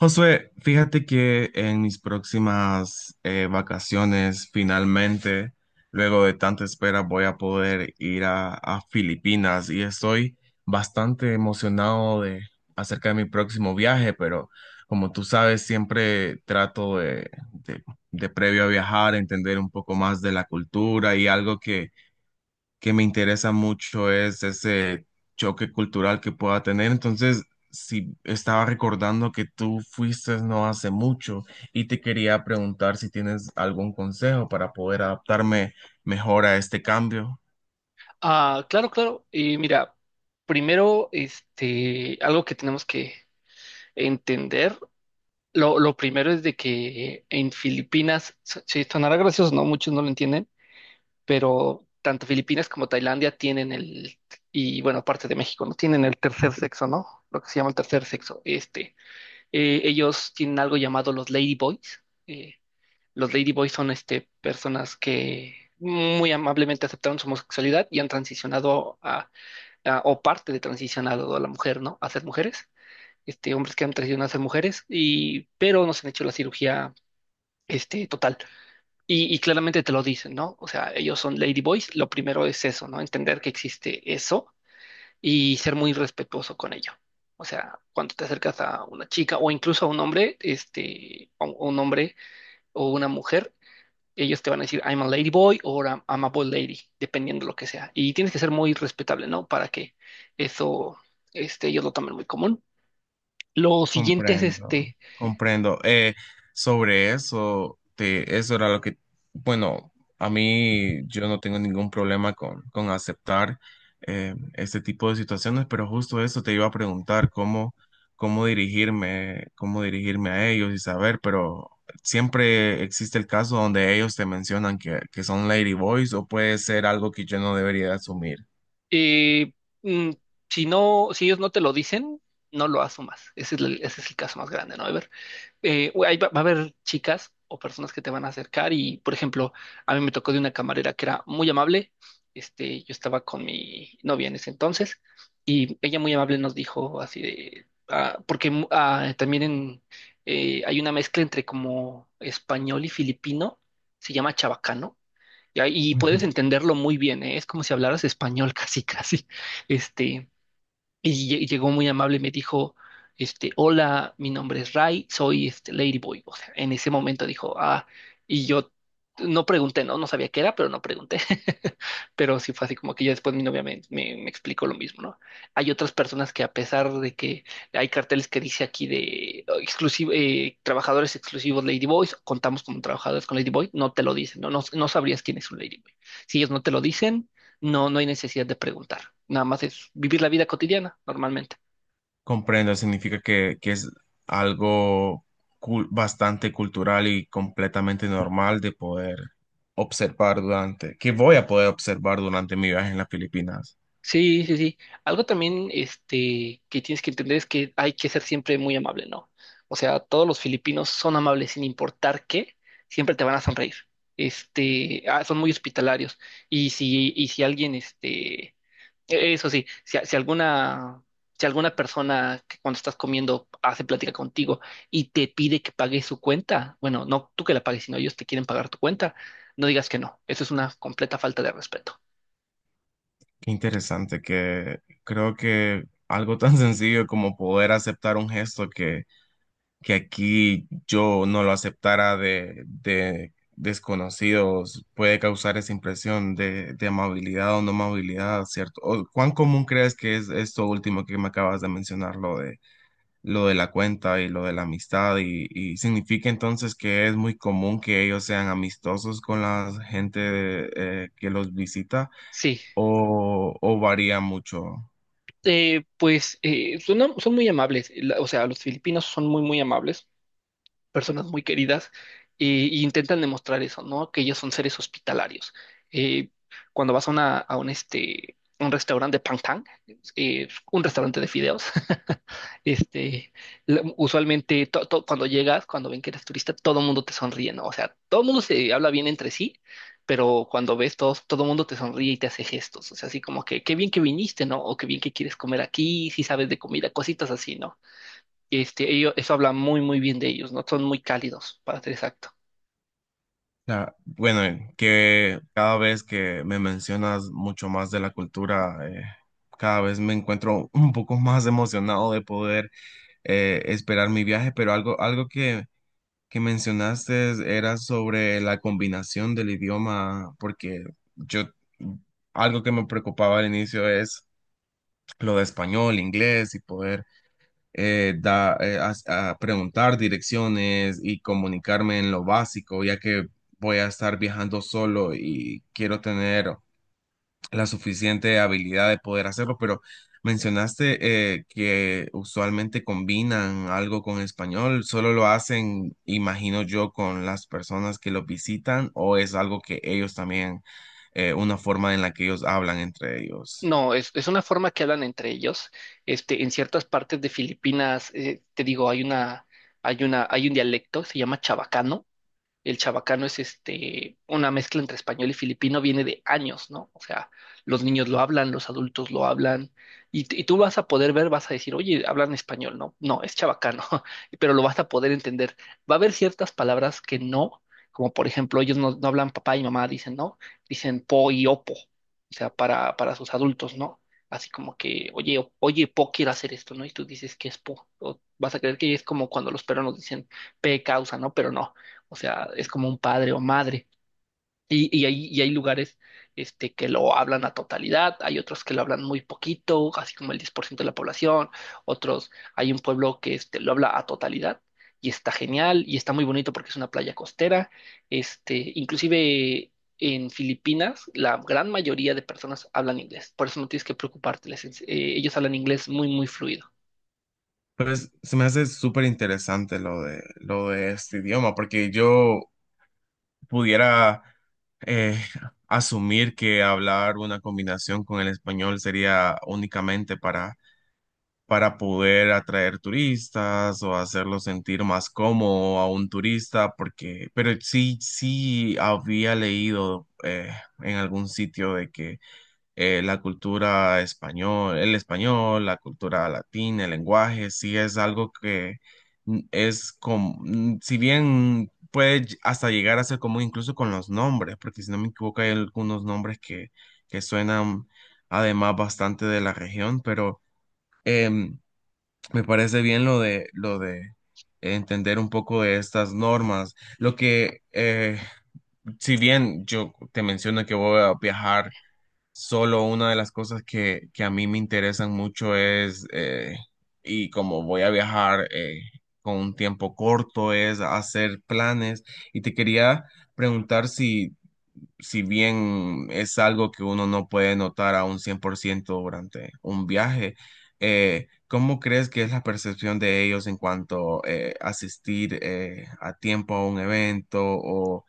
Josué, fíjate que en mis próximas vacaciones, finalmente, luego de tanta espera, voy a poder ir a Filipinas y estoy bastante emocionado de acerca de mi próximo viaje, pero como tú sabes, siempre trato de previo a viajar, entender un poco más de la cultura y algo que me interesa mucho es ese choque cultural que pueda tener. Entonces, si estaba recordando que tú fuiste no hace mucho y te quería preguntar si tienes algún consejo para poder adaptarme mejor a este cambio. Ah, claro, claro. Y mira, primero, algo que tenemos que entender, lo primero es de que en Filipinas, sí, sonará gracioso, ¿no? Muchos no lo entienden, pero tanto Filipinas como Tailandia y bueno, aparte de México, ¿no? Tienen el tercer sexo, ¿no? Lo que se llama el tercer sexo. Ellos tienen algo llamado los ladyboys. Los ladyboys son, personas que muy amablemente aceptaron su homosexualidad y han transicionado o parte de transicionado a la mujer, ¿no? A ser mujeres, hombres que han transicionado a ser mujeres, pero no se han hecho la cirugía, total. Y claramente te lo dicen, ¿no? O sea, ellos son ladyboys, lo primero es eso, ¿no? Entender que existe eso y ser muy respetuoso con ello. O sea, cuando te acercas a una chica o incluso a un hombre, a un hombre o una mujer, ellos te van a decir, I'm a lady boy o I'm a boy lady, dependiendo lo que sea. Y tienes que ser muy respetable, ¿no? Para que eso, ellos lo tomen muy común. Lo siguiente es Comprendo, comprendo. Sobre eso, eso era lo que, bueno, a mí yo no tengo ningún problema con aceptar este tipo de situaciones, pero justo eso te iba a preguntar, cómo dirigirme a ellos y saber, pero siempre existe el caso donde ellos te mencionan que son ladyboys o puede ser algo que yo no debería asumir. eh, mm, si no, si ellos no te lo dicen, no lo asumas. Ese es el caso más grande, ¿no? Ever? Va a haber chicas o personas que te van a acercar y, por ejemplo, a mí me tocó de una camarera que era muy amable. Yo estaba con mi novia en ese entonces y ella muy amable nos dijo así de, porque también hay una mezcla entre como español y filipino, se llama chabacano. Y puedes entenderlo muy bien, ¿eh? Es como si hablaras español casi, casi. Este, y llegó muy amable y me dijo, hola, mi nombre es Ray, soy Ladyboy. O sea, en ese momento dijo, y yo no pregunté, no sabía qué era, pero no pregunté. Pero sí fue así como que ya después mi novia me explicó lo mismo, ¿no? Hay otras personas que a pesar de que hay carteles que dice aquí de exclusivo, trabajadores exclusivos Ladyboys, contamos como trabajadores con Ladyboy, no te lo dicen, no sabrías quién es un Ladyboy. Si ellos no te lo dicen, no hay necesidad de preguntar. Nada más es vivir la vida cotidiana normalmente. Comprendo, significa que es algo bastante cultural y completamente normal de poder observar que voy a poder observar durante mi viaje en las Filipinas. Sí, sí, sí. Algo también, que tienes que entender es que hay que ser siempre muy amable, ¿no? O sea, todos los filipinos son amables sin importar qué, siempre te van a sonreír. Son muy hospitalarios. Y si alguien, este, E-, Eso sí, si alguna persona que cuando estás comiendo hace plática contigo y te pide que pagues su cuenta, bueno, no tú que la pagues, sino ellos te quieren pagar tu cuenta, no digas que no. Eso es una completa falta de respeto. Qué interesante, que creo que algo tan sencillo como poder aceptar un gesto que aquí yo no lo aceptara de desconocidos puede causar esa impresión de amabilidad o no amabilidad, ¿cierto? ¿O cuán común crees que es esto último que me acabas de mencionar, lo de la cuenta y lo de la amistad? Y significa entonces que es muy común que ellos sean amistosos con la gente que los visita Sí, o, ¿o varía mucho? Pues son muy amables. O sea, los filipinos son muy, muy amables. Personas muy queridas e intentan demostrar eso, ¿no? Que ellos son seres hospitalarios. Eh, Cuando vas a un restaurante de Pangtang, un restaurante de fideos, este, usualmente cuando llegas, cuando ven que eres turista, todo el mundo te sonríe, ¿no? O sea, todo el mundo se habla bien entre sí, pero cuando ves todo el mundo te sonríe y te hace gestos, o sea, así como que qué bien que viniste, ¿no? O qué bien que quieres comer aquí, si sabes de comida, cositas así, ¿no? Ellos eso habla muy, muy bien de ellos, ¿no? Son muy cálidos, para ser exacto. Ah, bueno, que cada vez que me mencionas mucho más de la cultura, cada vez me encuentro un poco más emocionado de poder esperar mi viaje, pero algo, algo que mencionaste era sobre la combinación del idioma, porque yo, algo que me preocupaba al inicio es lo de español, inglés y poder a preguntar direcciones y comunicarme en lo básico, ya que voy a estar viajando solo y quiero tener la suficiente habilidad de poder hacerlo, pero mencionaste que usualmente combinan algo con español. ¿Solo lo hacen, imagino yo, con las personas que los visitan o es algo que ellos también, una forma en la que ellos hablan entre ellos? No, es una forma que hablan entre ellos. En ciertas partes de Filipinas, te digo, hay un dialecto. Se llama chabacano. El chabacano es una mezcla entre español y filipino, viene de años, ¿no? O sea, los niños lo hablan, los adultos lo hablan, y tú vas a poder ver, vas a decir, oye, hablan español, ¿no? No, es chabacano, pero lo vas a poder entender. Va a haber ciertas palabras que no, como por ejemplo, ellos no hablan papá y mamá, dicen, ¿no? Dicen po y opo, o sea, para sus adultos, ¿no? Así como que, oye, oye, po quiere hacer esto, ¿no? Y tú dices que es po, o vas a creer que es como cuando los peruanos dicen pe causa, ¿no? Pero no. O sea, es como un padre o madre. Y hay lugares que lo hablan a totalidad, hay otros que lo hablan muy poquito, así como el 10% de la población, otros, hay un pueblo que lo habla a totalidad y está genial y está muy bonito porque es una playa costera. Inclusive en Filipinas, la gran mayoría de personas hablan inglés, por eso no tienes que preocuparte, ellos hablan inglés muy, muy fluido. Pues se me hace súper interesante lo de este idioma, porque yo pudiera eh, asumir que hablar una combinación con el español sería únicamente para poder atraer turistas o hacerlo sentir más cómodo a un turista, porque, pero sí, sí había leído en algún sitio de que la cultura español, el español, la cultura latina, el lenguaje, sí es algo que es como, si bien puede hasta llegar a ser común incluso con los nombres, porque si no me equivoco hay algunos nombres que suenan además bastante de la región, pero em, me parece bien lo de entender un poco de estas normas. Lo que, si bien yo te menciono que voy a viajar, solo una de las cosas que a mí me interesan mucho es, y como voy a viajar con un tiempo corto, es hacer planes. Y te quería preguntar si, si bien es algo que uno no puede notar a un 100% durante un viaje, ¿cómo crees que es la percepción de ellos en cuanto asistir a tiempo a un evento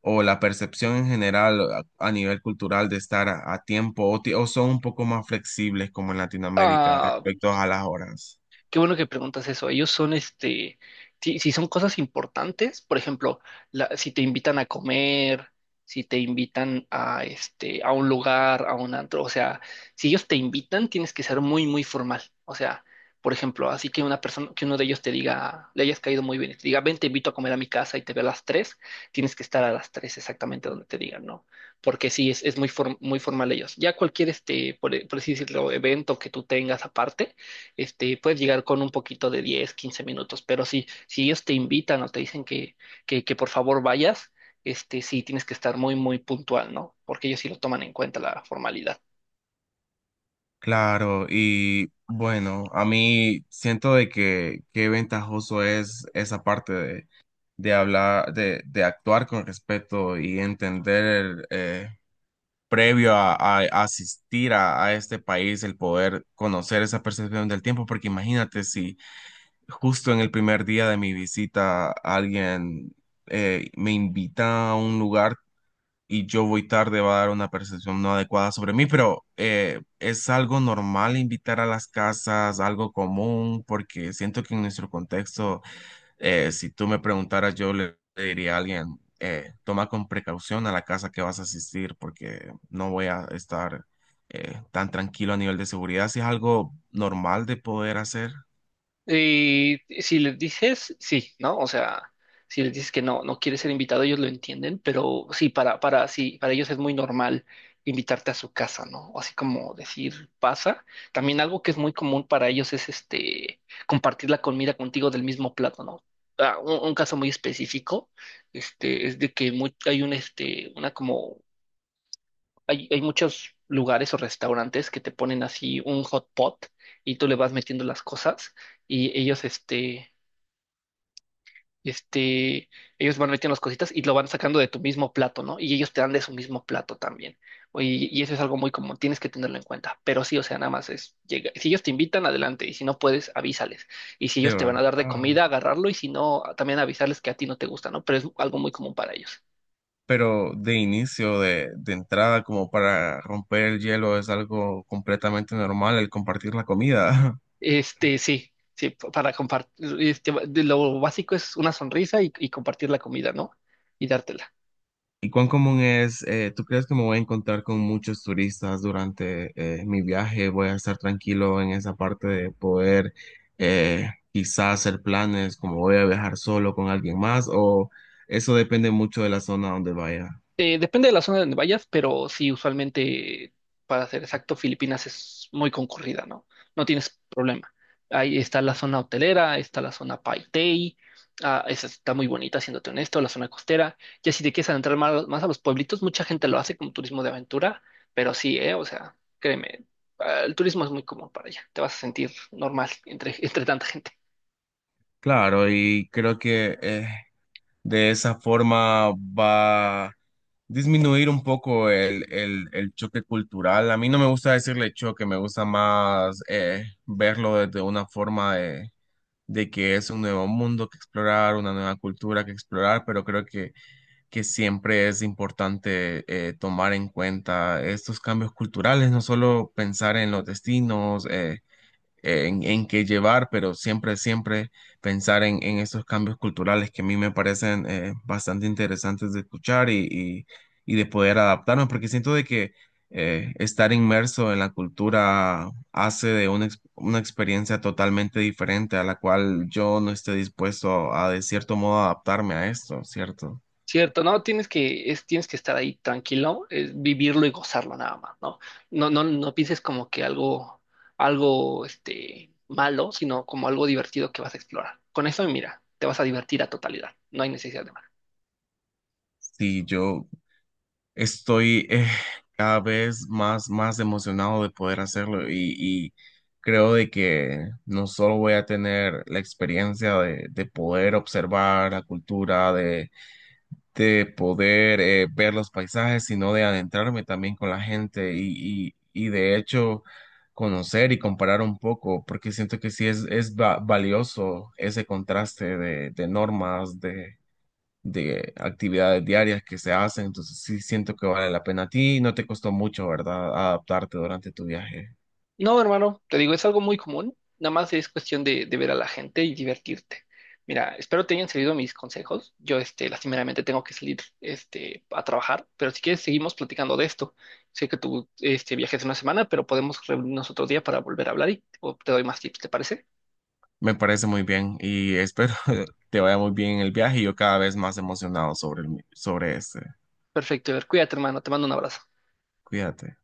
o la percepción en general a nivel cultural de estar a tiempo o, o son un poco más flexibles como en Latinoamérica Ah. respecto a las horas? Qué bueno que preguntas eso. Ellos son, si son cosas importantes, por ejemplo, si te invitan a comer, si te invitan a un lugar, a un antro, o sea, si ellos te invitan, tienes que ser muy, muy formal. O sea, por ejemplo, así que una persona, que uno de ellos te diga, le hayas caído muy bien y te diga, ven, te invito a comer a mi casa y te veo a las 3, tienes que estar a las 3 exactamente donde te digan, ¿no? Porque sí, es muy formal ellos. Ya cualquier, por así decirlo, evento que tú tengas aparte puedes llegar con un poquito de 10 15 minutos, pero si ellos te invitan o te dicen que por favor vayas, sí tienes que estar muy, muy puntual, ¿no? Porque ellos sí lo toman en cuenta la formalidad. Claro, y bueno, a mí siento de que qué ventajoso es esa parte de hablar, de actuar con respeto y entender previo a asistir a este país el poder conocer esa percepción del tiempo, porque imagínate si justo en el primer día de mi visita alguien me invita a un lugar y yo voy tarde, va a dar una percepción no adecuada sobre mí, pero ¿es algo normal invitar a las casas, algo común? Porque siento que en nuestro contexto si tú me preguntaras, yo le diría a alguien, toma con precaución a la casa que vas a asistir porque no voy a estar tan tranquilo a nivel de seguridad. Si es algo normal de poder hacer, Y si les dices sí, ¿no? O sea, si les dices que no, no quieres ser invitado, ellos lo entienden, pero sí, sí, para ellos es muy normal invitarte a su casa, ¿no? O así como decir, pasa. También algo que es muy común para ellos es compartir la comida contigo del mismo plato, ¿no? Ah, un caso muy específico, es de que hay un, una como hay muchos lugares o restaurantes que te ponen así un hot pot y tú le vas metiendo las cosas y elloseste, ellos van metiendo las cositas y lo van sacando de tu mismo plato, ¿no? Y ellos te dan de su mismo plato también. Y eso es algo muy común, tienes que tenerlo en cuenta. Pero sí, o sea, nada más es, llega. Si ellos te invitan, adelante. Y si no puedes, avísales. Y si de ellos te van a dar de comida, verdad. agarrarlo. Y si no, también avisarles que a ti no te gusta, ¿no? Pero es algo muy común para ellos. Pero de inicio, de entrada, como para romper el hielo, es algo completamente normal el compartir la comida. Sí, sí, para compartir, de lo básico es una sonrisa y compartir la comida, ¿no? Y dártela. ¿Y cuán común es, tú crees que me voy a encontrar con muchos turistas durante mi viaje? ¿Voy a estar tranquilo en esa parte de poder quizás hacer planes como voy a viajar solo con alguien más? ¿O eso depende mucho de la zona donde vaya? Depende de la zona donde vayas, pero sí, usualmente, para ser exacto, Filipinas es muy concurrida, ¿no? No tienes problema. Ahí está la zona hotelera, está la zona Paitei, esa está muy bonita, siéndote honesto, la zona costera. Ya si te quieres adentrar más, más a los pueblitos, mucha gente lo hace como turismo de aventura, pero sí, o sea, créeme, el turismo es muy común para allá, te vas a sentir normal entre, entre tanta gente. Claro, y creo que de esa forma va a disminuir un poco el choque cultural. A mí no me gusta decirle choque, me gusta más verlo desde una forma de que es un nuevo mundo que explorar, una nueva cultura que explorar, pero creo que siempre es importante tomar en cuenta estos cambios culturales, no solo pensar en los destinos, en qué llevar, pero siempre, siempre pensar en esos cambios culturales que a mí me parecen bastante interesantes de escuchar y de poder adaptarme, porque siento de que estar inmerso en la cultura hace de una experiencia totalmente diferente a la cual yo no esté dispuesto a, de cierto modo adaptarme a esto, ¿cierto? Cierto, no, tienes que estar ahí tranquilo, es vivirlo y gozarlo nada más, ¿no? No, no, no pienses como que algo, malo, sino como algo divertido que vas a explorar. Con eso, mira, te vas a divertir a totalidad, no hay necesidad de. Si yo estoy cada vez más, más emocionado de poder hacerlo y creo de que no solo voy a tener la experiencia de poder observar la cultura, de poder ver los paisajes, sino de adentrarme también con la gente y de hecho conocer y comparar un poco, porque siento que sí es, valioso ese contraste de normas, de actividades diarias que se hacen, entonces sí siento que vale la pena. A ti no te costó mucho, ¿verdad? Adaptarte durante tu viaje. No, hermano, te digo, es algo muy común, nada más es cuestión de ver a la gente y divertirte. Mira, espero te hayan servido mis consejos. Yo, lastimeramente tengo que salir, a trabajar, pero si quieres seguimos platicando de esto. Sé que tú, viajes una semana, pero podemos reunirnos otro día para volver a hablar y o te doy más tips, ¿te parece? Me parece muy bien y espero te vaya muy bien en el viaje y yo cada vez más emocionado sobre sobre este. Perfecto, Ever, cuídate, hermano, te mando un abrazo. Cuídate.